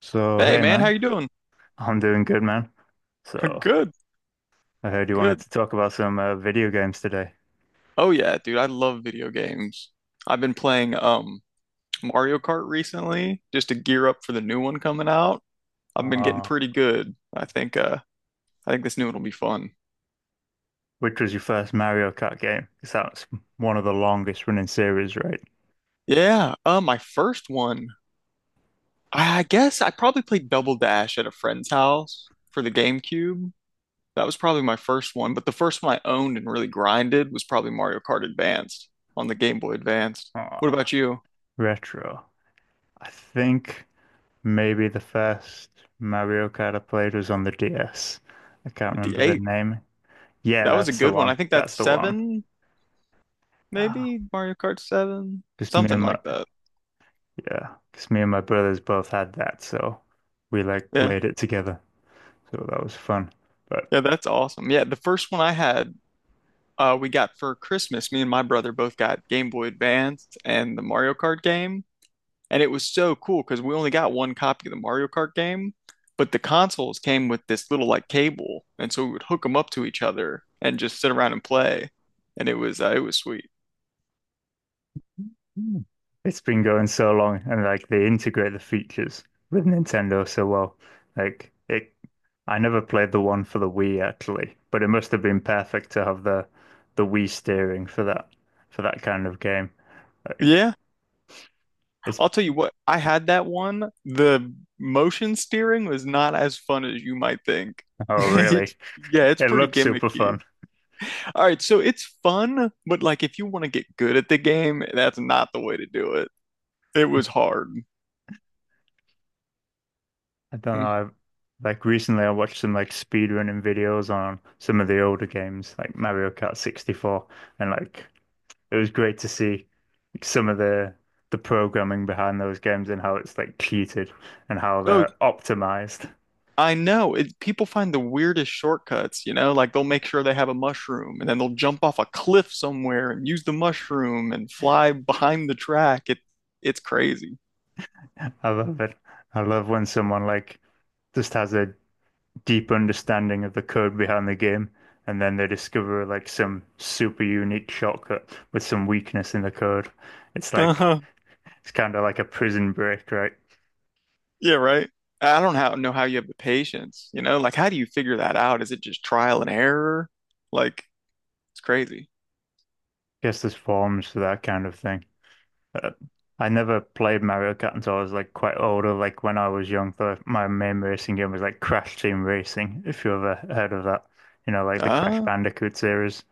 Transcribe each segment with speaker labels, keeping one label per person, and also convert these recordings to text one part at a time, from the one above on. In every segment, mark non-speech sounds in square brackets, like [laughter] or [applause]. Speaker 1: So,
Speaker 2: Hey
Speaker 1: hey
Speaker 2: man, how
Speaker 1: man,
Speaker 2: you doing?
Speaker 1: I'm doing good, man.
Speaker 2: [laughs]
Speaker 1: So,
Speaker 2: Good,
Speaker 1: I heard you wanted
Speaker 2: good.
Speaker 1: to talk about some video games today.
Speaker 2: Oh yeah, dude, I love video games. I've been playing Mario Kart recently just to gear up for the new one coming out. I've been getting
Speaker 1: Uh,
Speaker 2: pretty good. I think this new one will be fun.
Speaker 1: which was your first Mario Kart game? Because that's one of the longest running series, right?
Speaker 2: Yeah, my first one, I guess I probably played Double Dash at a friend's house for the GameCube. That was probably my first one, but the first one I owned and really grinded was probably Mario Kart Advanced on the Game Boy Advanced. What
Speaker 1: Uh,
Speaker 2: about you?
Speaker 1: Retro. I think maybe the first Mario Kart I played was on the DS. I can't
Speaker 2: The
Speaker 1: remember the
Speaker 2: 8?
Speaker 1: name. Yeah,
Speaker 2: That was a
Speaker 1: that's the
Speaker 2: good one. I
Speaker 1: one.
Speaker 2: think
Speaker 1: That's
Speaker 2: that's
Speaker 1: the one.
Speaker 2: seven,
Speaker 1: Ah,
Speaker 2: maybe Mario Kart 7,
Speaker 1: because me
Speaker 2: something
Speaker 1: and my
Speaker 2: like that.
Speaker 1: Yeah, because me and my brothers both had that, so we like
Speaker 2: Yeah.
Speaker 1: played it together. So that was fun. But
Speaker 2: Yeah, that's awesome. Yeah, the first one I had, we got for Christmas. Me and my brother both got Game Boy Advance and the Mario Kart game, and it was so cool because we only got one copy of the Mario Kart game, but the consoles came with this little like cable, and so we would hook them up to each other and just sit around and play, and it was sweet.
Speaker 1: Mm. It's been going so long, and like they integrate the features with Nintendo so well. Like it, I never played the one for the Wii actually, but it must have been perfect to have the Wii steering for that kind of game. Like
Speaker 2: Yeah.
Speaker 1: it's
Speaker 2: I'll tell you what, I had that one. The motion steering was not as fun as you might think. [laughs]
Speaker 1: Oh really?
Speaker 2: It's, yeah, it's
Speaker 1: It
Speaker 2: pretty
Speaker 1: looks super
Speaker 2: gimmicky.
Speaker 1: fun.
Speaker 2: All right, so it's fun, but like if you want to get good at the game, that's not the way to do it. It was hard.
Speaker 1: I don't know.
Speaker 2: Mm.
Speaker 1: Like recently, I watched some like speedrunning videos on some of the older games, like Mario Kart 64, and like it was great to see some of the programming behind those games and how it's like cheated and how
Speaker 2: Oh,
Speaker 1: they're optimized.
Speaker 2: I know. It, people find the weirdest shortcuts, you know, like they'll make sure they have a mushroom and then they'll jump off a cliff somewhere and use the mushroom and fly behind the track. It's crazy.
Speaker 1: [laughs] I love it. I love when someone like just has a deep understanding of the code behind the game and then they discover like some super unique shortcut with some weakness in the code. It's like
Speaker 2: [laughs]
Speaker 1: it's kind of like a prison break, right?
Speaker 2: Yeah, right. I don't know how you have the patience, you know? Like, how do you figure that out? Is it just trial and error? Like, it's crazy.
Speaker 1: Guess there's forms for that kind of thing. Uh, I never played Mario Kart until I was like quite older. Like when I was young, my main racing game was like Crash Team Racing, if you ever heard of that. You know, like the Crash
Speaker 2: Ah,
Speaker 1: Bandicoot series.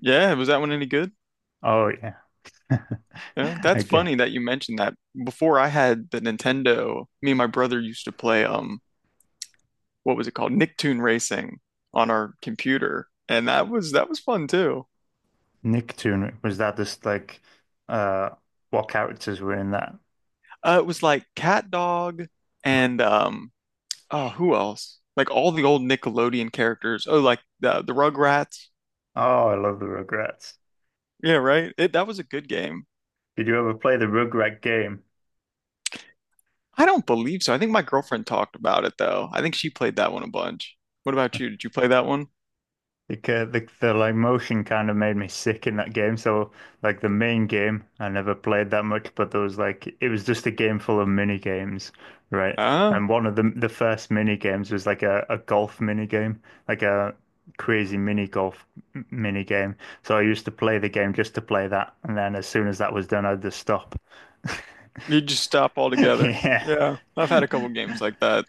Speaker 2: yeah. Was that one any good?
Speaker 1: Oh yeah.
Speaker 2: Yeah.
Speaker 1: [laughs]
Speaker 2: That's
Speaker 1: Okay.
Speaker 2: funny that you mentioned that. Before I had the Nintendo, me and my brother used to play, what was it called? Nicktoon Racing on our computer. And that was fun too.
Speaker 1: Nicktoon, was that just like uh what characters were in that?
Speaker 2: It was like Cat Dog and oh, who else? Like all the old Nickelodeon characters. Oh, like the Rugrats.
Speaker 1: Oh, I love the Rugrats.
Speaker 2: Yeah, right. It, that was a good game.
Speaker 1: Did you ever play the Rugrat game?
Speaker 2: I don't believe so. I think my girlfriend talked about it though. I think she played that one a bunch. What about you? Did you play that one?
Speaker 1: Like the like motion kind of made me sick in that game. So like the main game, I never played that much, but there was like it was just a game full of mini games, right?
Speaker 2: Ah,
Speaker 1: And one of the first mini games was like a golf mini game, like a crazy mini golf mini game. So I used to play the game just to play that, and then as soon as that was done, I'd just stop. [laughs]
Speaker 2: you just stop altogether.
Speaker 1: Yeah.
Speaker 2: Yeah, I've had a couple
Speaker 1: [laughs]
Speaker 2: games like that.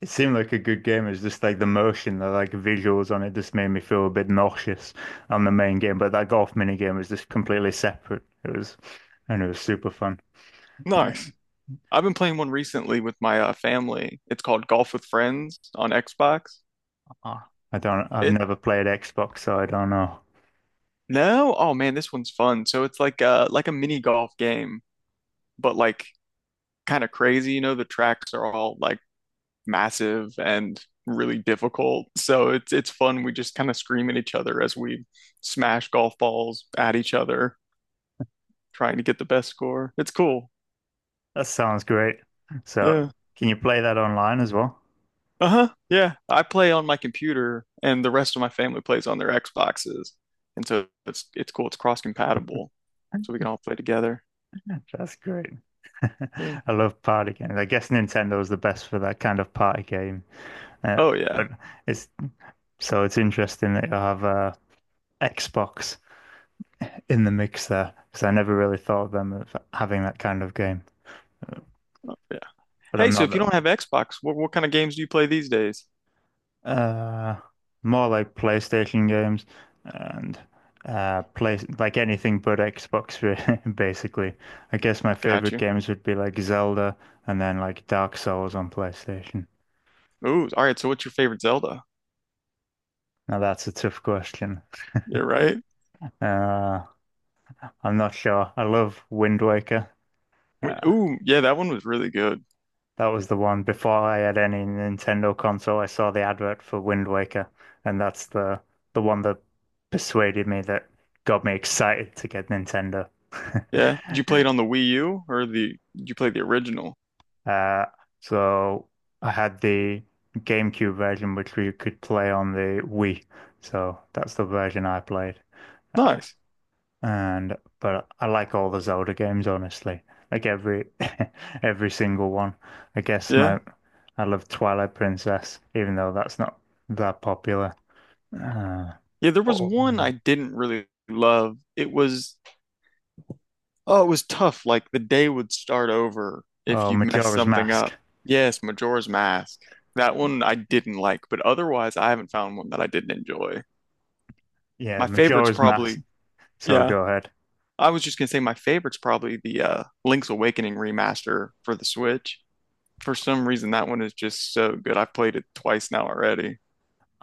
Speaker 1: It seemed like a good game. It's just like the motion, the like visuals on it just made me feel a bit nauseous on the main game. But that golf mini game was just completely separate. And it was super fun. Uh,
Speaker 2: Nice. I've been playing one recently with my family. It's called Golf with Friends on Xbox.
Speaker 1: Ah, I've
Speaker 2: It
Speaker 1: never played Xbox, so I don't know.
Speaker 2: no, oh man, this one's fun. So it's like a mini golf game, but like kind of crazy. You know, the tracks are all like massive and really difficult. So it's fun. We just kind of scream at each other as we smash golf balls at each other, trying to get the best score. It's cool.
Speaker 1: That sounds great. So,
Speaker 2: Yeah.
Speaker 1: can you play that online as well?
Speaker 2: Uh-huh. Yeah. I play on my computer and the rest of my family plays on their Xboxes. And so it's cool. It's cross compatible. So we can all play together.
Speaker 1: That's great. [laughs]
Speaker 2: Yeah.
Speaker 1: I love party games. I guess Nintendo is the best for that kind of party game. Uh,
Speaker 2: Oh yeah.
Speaker 1: but it's so it's interesting that you have a Xbox in the mix there because I never really thought of them as having that kind of game.
Speaker 2: Oh, yeah.
Speaker 1: But
Speaker 2: Hey,
Speaker 1: I'm
Speaker 2: so
Speaker 1: not
Speaker 2: if you
Speaker 1: that.
Speaker 2: don't have Xbox, what kind of games do you play these days?
Speaker 1: Uh, More like PlayStation games and play like anything but Xbox, really, [laughs] basically. I guess my
Speaker 2: Got
Speaker 1: favorite
Speaker 2: you.
Speaker 1: games would be like Zelda and then like Dark Souls on PlayStation.
Speaker 2: Ooh, all right. So what's your favorite Zelda?
Speaker 1: Now that's a tough question.
Speaker 2: Yeah, right.
Speaker 1: Uh, I'm not sure. I love Wind Waker.
Speaker 2: Wait,
Speaker 1: Uh,
Speaker 2: ooh, yeah, that one was really good.
Speaker 1: That was the one. Before I had any Nintendo console, I saw the advert for Wind Waker, and that's the one that persuaded me that got me excited to get Nintendo. [laughs]
Speaker 2: Yeah. Did you play it on the Wii U or the did you play the original?
Speaker 1: Uh, so I had the GameCube version, which we could play on the Wii. So that's the version I played.
Speaker 2: Nice.
Speaker 1: And but I like all the Zelda games, honestly. Like every [laughs] every single one. I guess
Speaker 2: Yeah.
Speaker 1: my I love Twilight Princess, even though that's not that popular. Uh,
Speaker 2: Yeah, there was
Speaker 1: oh,
Speaker 2: one I
Speaker 1: um,
Speaker 2: didn't really love. It was Oh, it was tough. Like the day would start over if
Speaker 1: oh,
Speaker 2: you messed
Speaker 1: Majora's
Speaker 2: something
Speaker 1: Mask.
Speaker 2: up. Yes, Majora's Mask. That one I didn't like, but otherwise I haven't found one that I didn't enjoy.
Speaker 1: Yeah,
Speaker 2: My favorite's
Speaker 1: Majora's Mask.
Speaker 2: probably
Speaker 1: So
Speaker 2: yeah.
Speaker 1: go ahead.
Speaker 2: I was just gonna say my favorite's probably the Link's Awakening remaster for the Switch. For some reason that one is just so good. I've played it twice now already.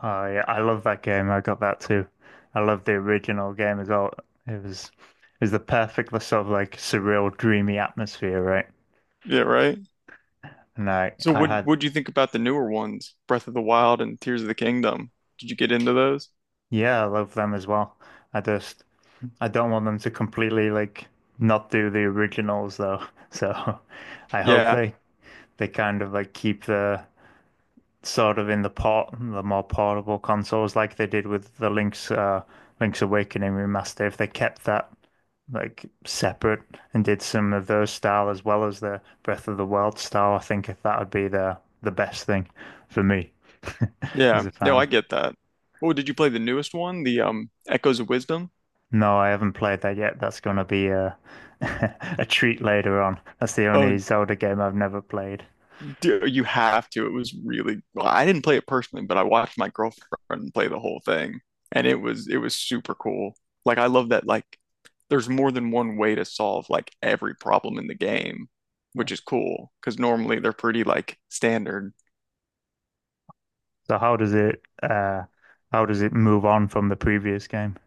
Speaker 1: Oh yeah, I love that game. I got that too. I love the original game as well. It was the perfect sort of like surreal, dreamy atmosphere, right?
Speaker 2: Yeah, right?
Speaker 1: And
Speaker 2: So
Speaker 1: I
Speaker 2: what
Speaker 1: had
Speaker 2: what do you think about the newer ones, Breath of the Wild and Tears of the Kingdom? Did you get into those?
Speaker 1: Yeah, I love them as well. I just I don't want them to completely like not do the originals though. [laughs] So I hope
Speaker 2: Yeah,
Speaker 1: they kind of like keep the sort of in the port the more portable consoles like they did with the Link's Awakening remaster. If they kept that like separate and did some of those style as well as the Breath of the Wild style, I think that would be the best thing for me [laughs]
Speaker 2: yeah.
Speaker 1: as a
Speaker 2: No,
Speaker 1: fan.
Speaker 2: I get that. Oh, did you play the newest one, the Echoes of Wisdom?
Speaker 1: No, I haven't played that yet. That's gonna be a [laughs] a treat later on. That's the
Speaker 2: Oh,
Speaker 1: only Zelda game I've never played.
Speaker 2: dear, you have to. It was really, well, I didn't play it personally, but I watched my girlfriend play the whole thing, and it was super cool. Like I love that like there's more than one way to solve like every problem in the game, which is cool because normally they're pretty like standard.
Speaker 1: So how does it move on from the previous game,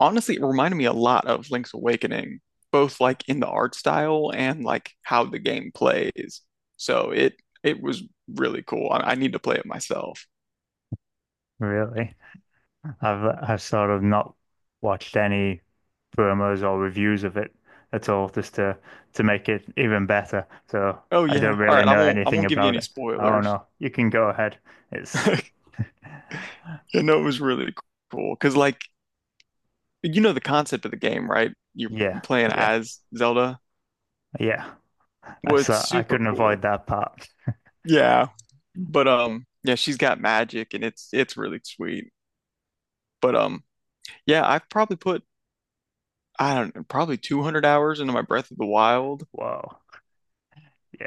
Speaker 2: Honestly, it reminded me a lot of Link's Awakening, both like in the art style and like how the game plays. So it was really cool. I need to play it myself.
Speaker 1: really? I've I've sort of not watched any promos or reviews of it at all, just to make it even better. So
Speaker 2: Oh
Speaker 1: I
Speaker 2: yeah.
Speaker 1: don't
Speaker 2: All
Speaker 1: really
Speaker 2: right.
Speaker 1: know
Speaker 2: I
Speaker 1: anything
Speaker 2: won't give you
Speaker 1: about
Speaker 2: any
Speaker 1: it. Oh
Speaker 2: spoilers.
Speaker 1: no, you can go ahead.
Speaker 2: [laughs]
Speaker 1: It's
Speaker 2: I know, it was really cool because like you know the concept of the game, right? You're
Speaker 1: Yeah,
Speaker 2: playing
Speaker 1: yeah,
Speaker 2: as Zelda.
Speaker 1: yeah. I
Speaker 2: Well, it's
Speaker 1: saw I
Speaker 2: super
Speaker 1: couldn't
Speaker 2: cool.
Speaker 1: avoid that part.
Speaker 2: Yeah. But yeah, she's got magic and it's really sweet. But yeah, I don't know, probably 200 hours into my Breath of the Wild.
Speaker 1: Whoa,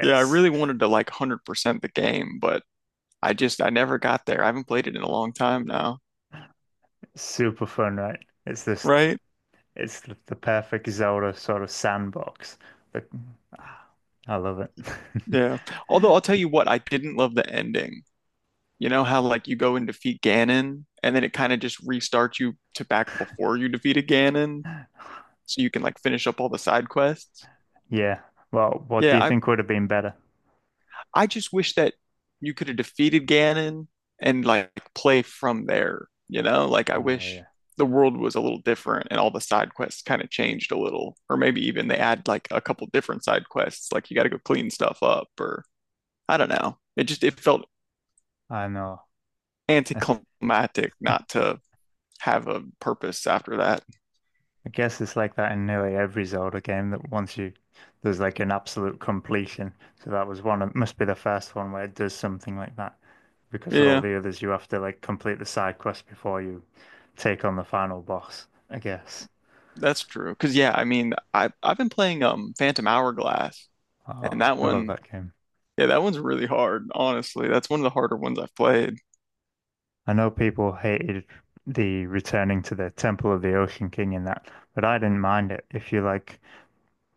Speaker 2: Yeah, I really wanted to like 100% the game, but I never got there. I haven't played it in a long time now,
Speaker 1: super fun, right? It's just
Speaker 2: right?
Speaker 1: it's the perfect Zelda sort of sandbox. The, ah, I love it. [laughs]
Speaker 2: Yeah. Although I'll tell you what, I didn't love the ending. You know how like you go and defeat Ganon and then it kind of just restarts you to back before you defeated Ganon so you can like finish up all the side quests?
Speaker 1: Yeah. Well, what do
Speaker 2: Yeah,
Speaker 1: you think would have been better?
Speaker 2: I just wish that you could have defeated Ganon and like play from there, you know? Like I
Speaker 1: Oh
Speaker 2: wish
Speaker 1: yeah,
Speaker 2: the world was a little different and all the side quests kind of changed a little, or maybe even they add like a couple different side quests, like you got to go clean stuff up, or I don't know. It felt
Speaker 1: I know. I, th
Speaker 2: anticlimactic not to have a purpose after that.
Speaker 1: I guess it's like that in nearly every Zelda game that once you there's like an absolute completion. So that was one. It must be the first one where it does something like that because all
Speaker 2: Yeah,
Speaker 1: the others you have to like complete the side quest before you take on the final boss, I guess.
Speaker 2: that's true. Because yeah, I mean, I've been playing Phantom Hourglass, and
Speaker 1: Oh, I love that game.
Speaker 2: yeah, that one's really hard. Honestly, that's one of the harder ones I've played.
Speaker 1: I know people hated the returning to the Temple of the Ocean King in that, but I didn't mind it. If you like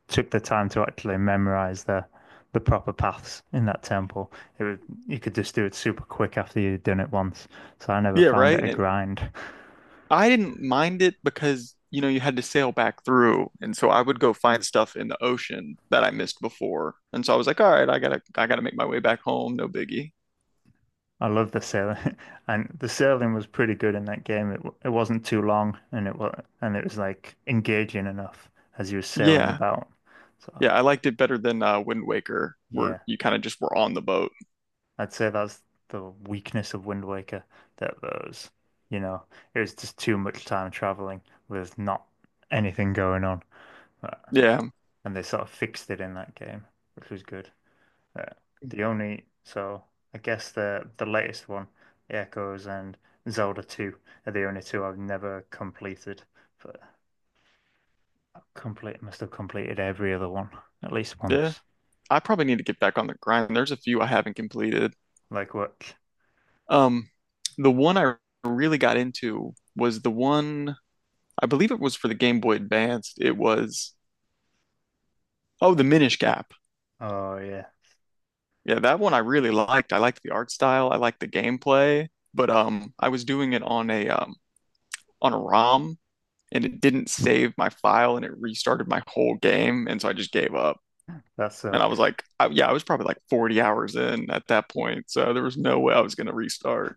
Speaker 1: took the time to actually memorize the proper paths in that temple, it would, you could just do it super quick after you'd done it once. So I never
Speaker 2: Yeah,
Speaker 1: found
Speaker 2: right.
Speaker 1: it a
Speaker 2: And
Speaker 1: grind.
Speaker 2: I didn't mind it because, you know, you had to sail back through. And so I would go find stuff in the ocean that I missed before. And so I was like, all right, I gotta make my way back home, no biggie.
Speaker 1: [laughs] I love the sailing, [laughs] and the sailing was pretty good in that game. It wasn't too long, and it was like engaging enough as you were sailing
Speaker 2: Yeah.
Speaker 1: about. So
Speaker 2: Yeah, I liked it better than Wind Waker, where
Speaker 1: yeah,
Speaker 2: you kind of just were on the boat.
Speaker 1: I'd say that's the weakness of Wind Waker. That was you know, it was just too much time traveling with not anything going on.
Speaker 2: Yeah,
Speaker 1: And they sort of fixed it in that game, which was good. Uh, the only so I guess the latest one, Echoes and Zelda 2 are the only two I've never completed, but I complete must have completed every other one at least
Speaker 2: yeah.
Speaker 1: once.
Speaker 2: I probably need to get back on the grind. There's a few I haven't completed.
Speaker 1: Like what?
Speaker 2: Um, the one I really got into was the one I believe it was for the Game Boy Advance. It was Oh, the Minish Cap.
Speaker 1: Oh yeah,
Speaker 2: Yeah, that one I really liked. I liked the art style. I liked the gameplay, but I was doing it on a ROM, and it didn't save my file, and it restarted my whole game, and so I just gave up.
Speaker 1: that
Speaker 2: And I was
Speaker 1: sucks.
Speaker 2: like, yeah, I was probably like 40 hours in at that point, so there was no way I was gonna restart.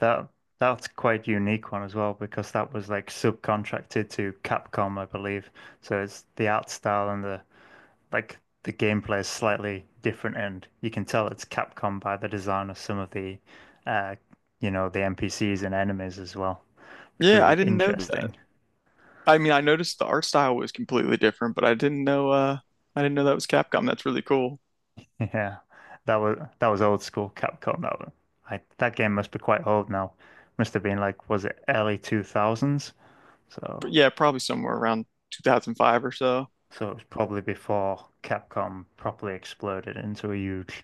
Speaker 1: That that's quite unique one as well because that was like subcontracted to Capcom, I believe. So it's the art style and the like the gameplay is slightly different, and you can tell it's Capcom by the design of some of uh, the NPCs and enemies as well, which
Speaker 2: Yeah,
Speaker 1: was
Speaker 2: I didn't know that.
Speaker 1: interesting. [laughs]
Speaker 2: I mean, I noticed the art style was completely different, but I didn't know that was Capcom. That's really cool.
Speaker 1: Yeah, that was old school Capcom. That game must be quite old now. Must have been like, was it early 2000s? So.
Speaker 2: But yeah, probably somewhere around 2005 or so.
Speaker 1: So it was probably before Capcom properly exploded into a huge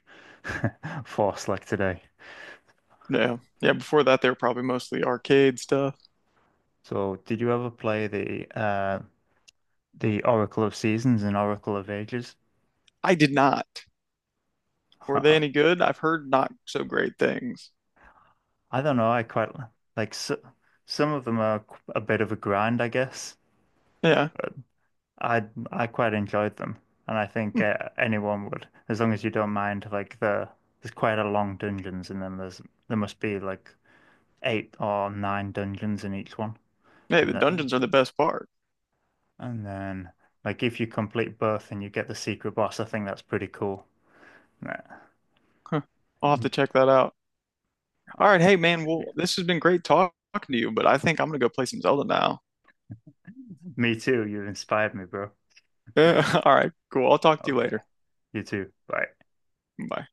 Speaker 1: [laughs] force like today.
Speaker 2: Yeah. Yeah, before that they were probably mostly arcade stuff.
Speaker 1: So did you ever play the Oracle of Seasons and Oracle of Ages.
Speaker 2: I did not.
Speaker 1: [laughs]
Speaker 2: Were they
Speaker 1: I
Speaker 2: any good? I've heard not so great things.
Speaker 1: don't know. I quite like, so some of them are a bit of a grind, I guess.
Speaker 2: Yeah.
Speaker 1: I I quite enjoyed them, and I think
Speaker 2: Hmm.
Speaker 1: anyone would, as long as you don't mind. Like there's quite a long dungeons in them. There must be like eight or nine dungeons in each one,
Speaker 2: Hey,
Speaker 1: and
Speaker 2: the
Speaker 1: then
Speaker 2: dungeons are the best part.
Speaker 1: and then like if you complete both and you get the secret boss, I think that's pretty cool. Yeah.
Speaker 2: Huh. I'll have
Speaker 1: And
Speaker 2: to
Speaker 1: you,
Speaker 2: check that out. All right, hey man,
Speaker 1: yeah.
Speaker 2: well, this has been great talking to you, but I think I'm gonna go play some Zelda now. [laughs]
Speaker 1: Me too. You inspired me, bro.
Speaker 2: Yeah. All right, cool. I'll talk to you
Speaker 1: Okay.
Speaker 2: later.
Speaker 1: You too. Bye.
Speaker 2: Bye.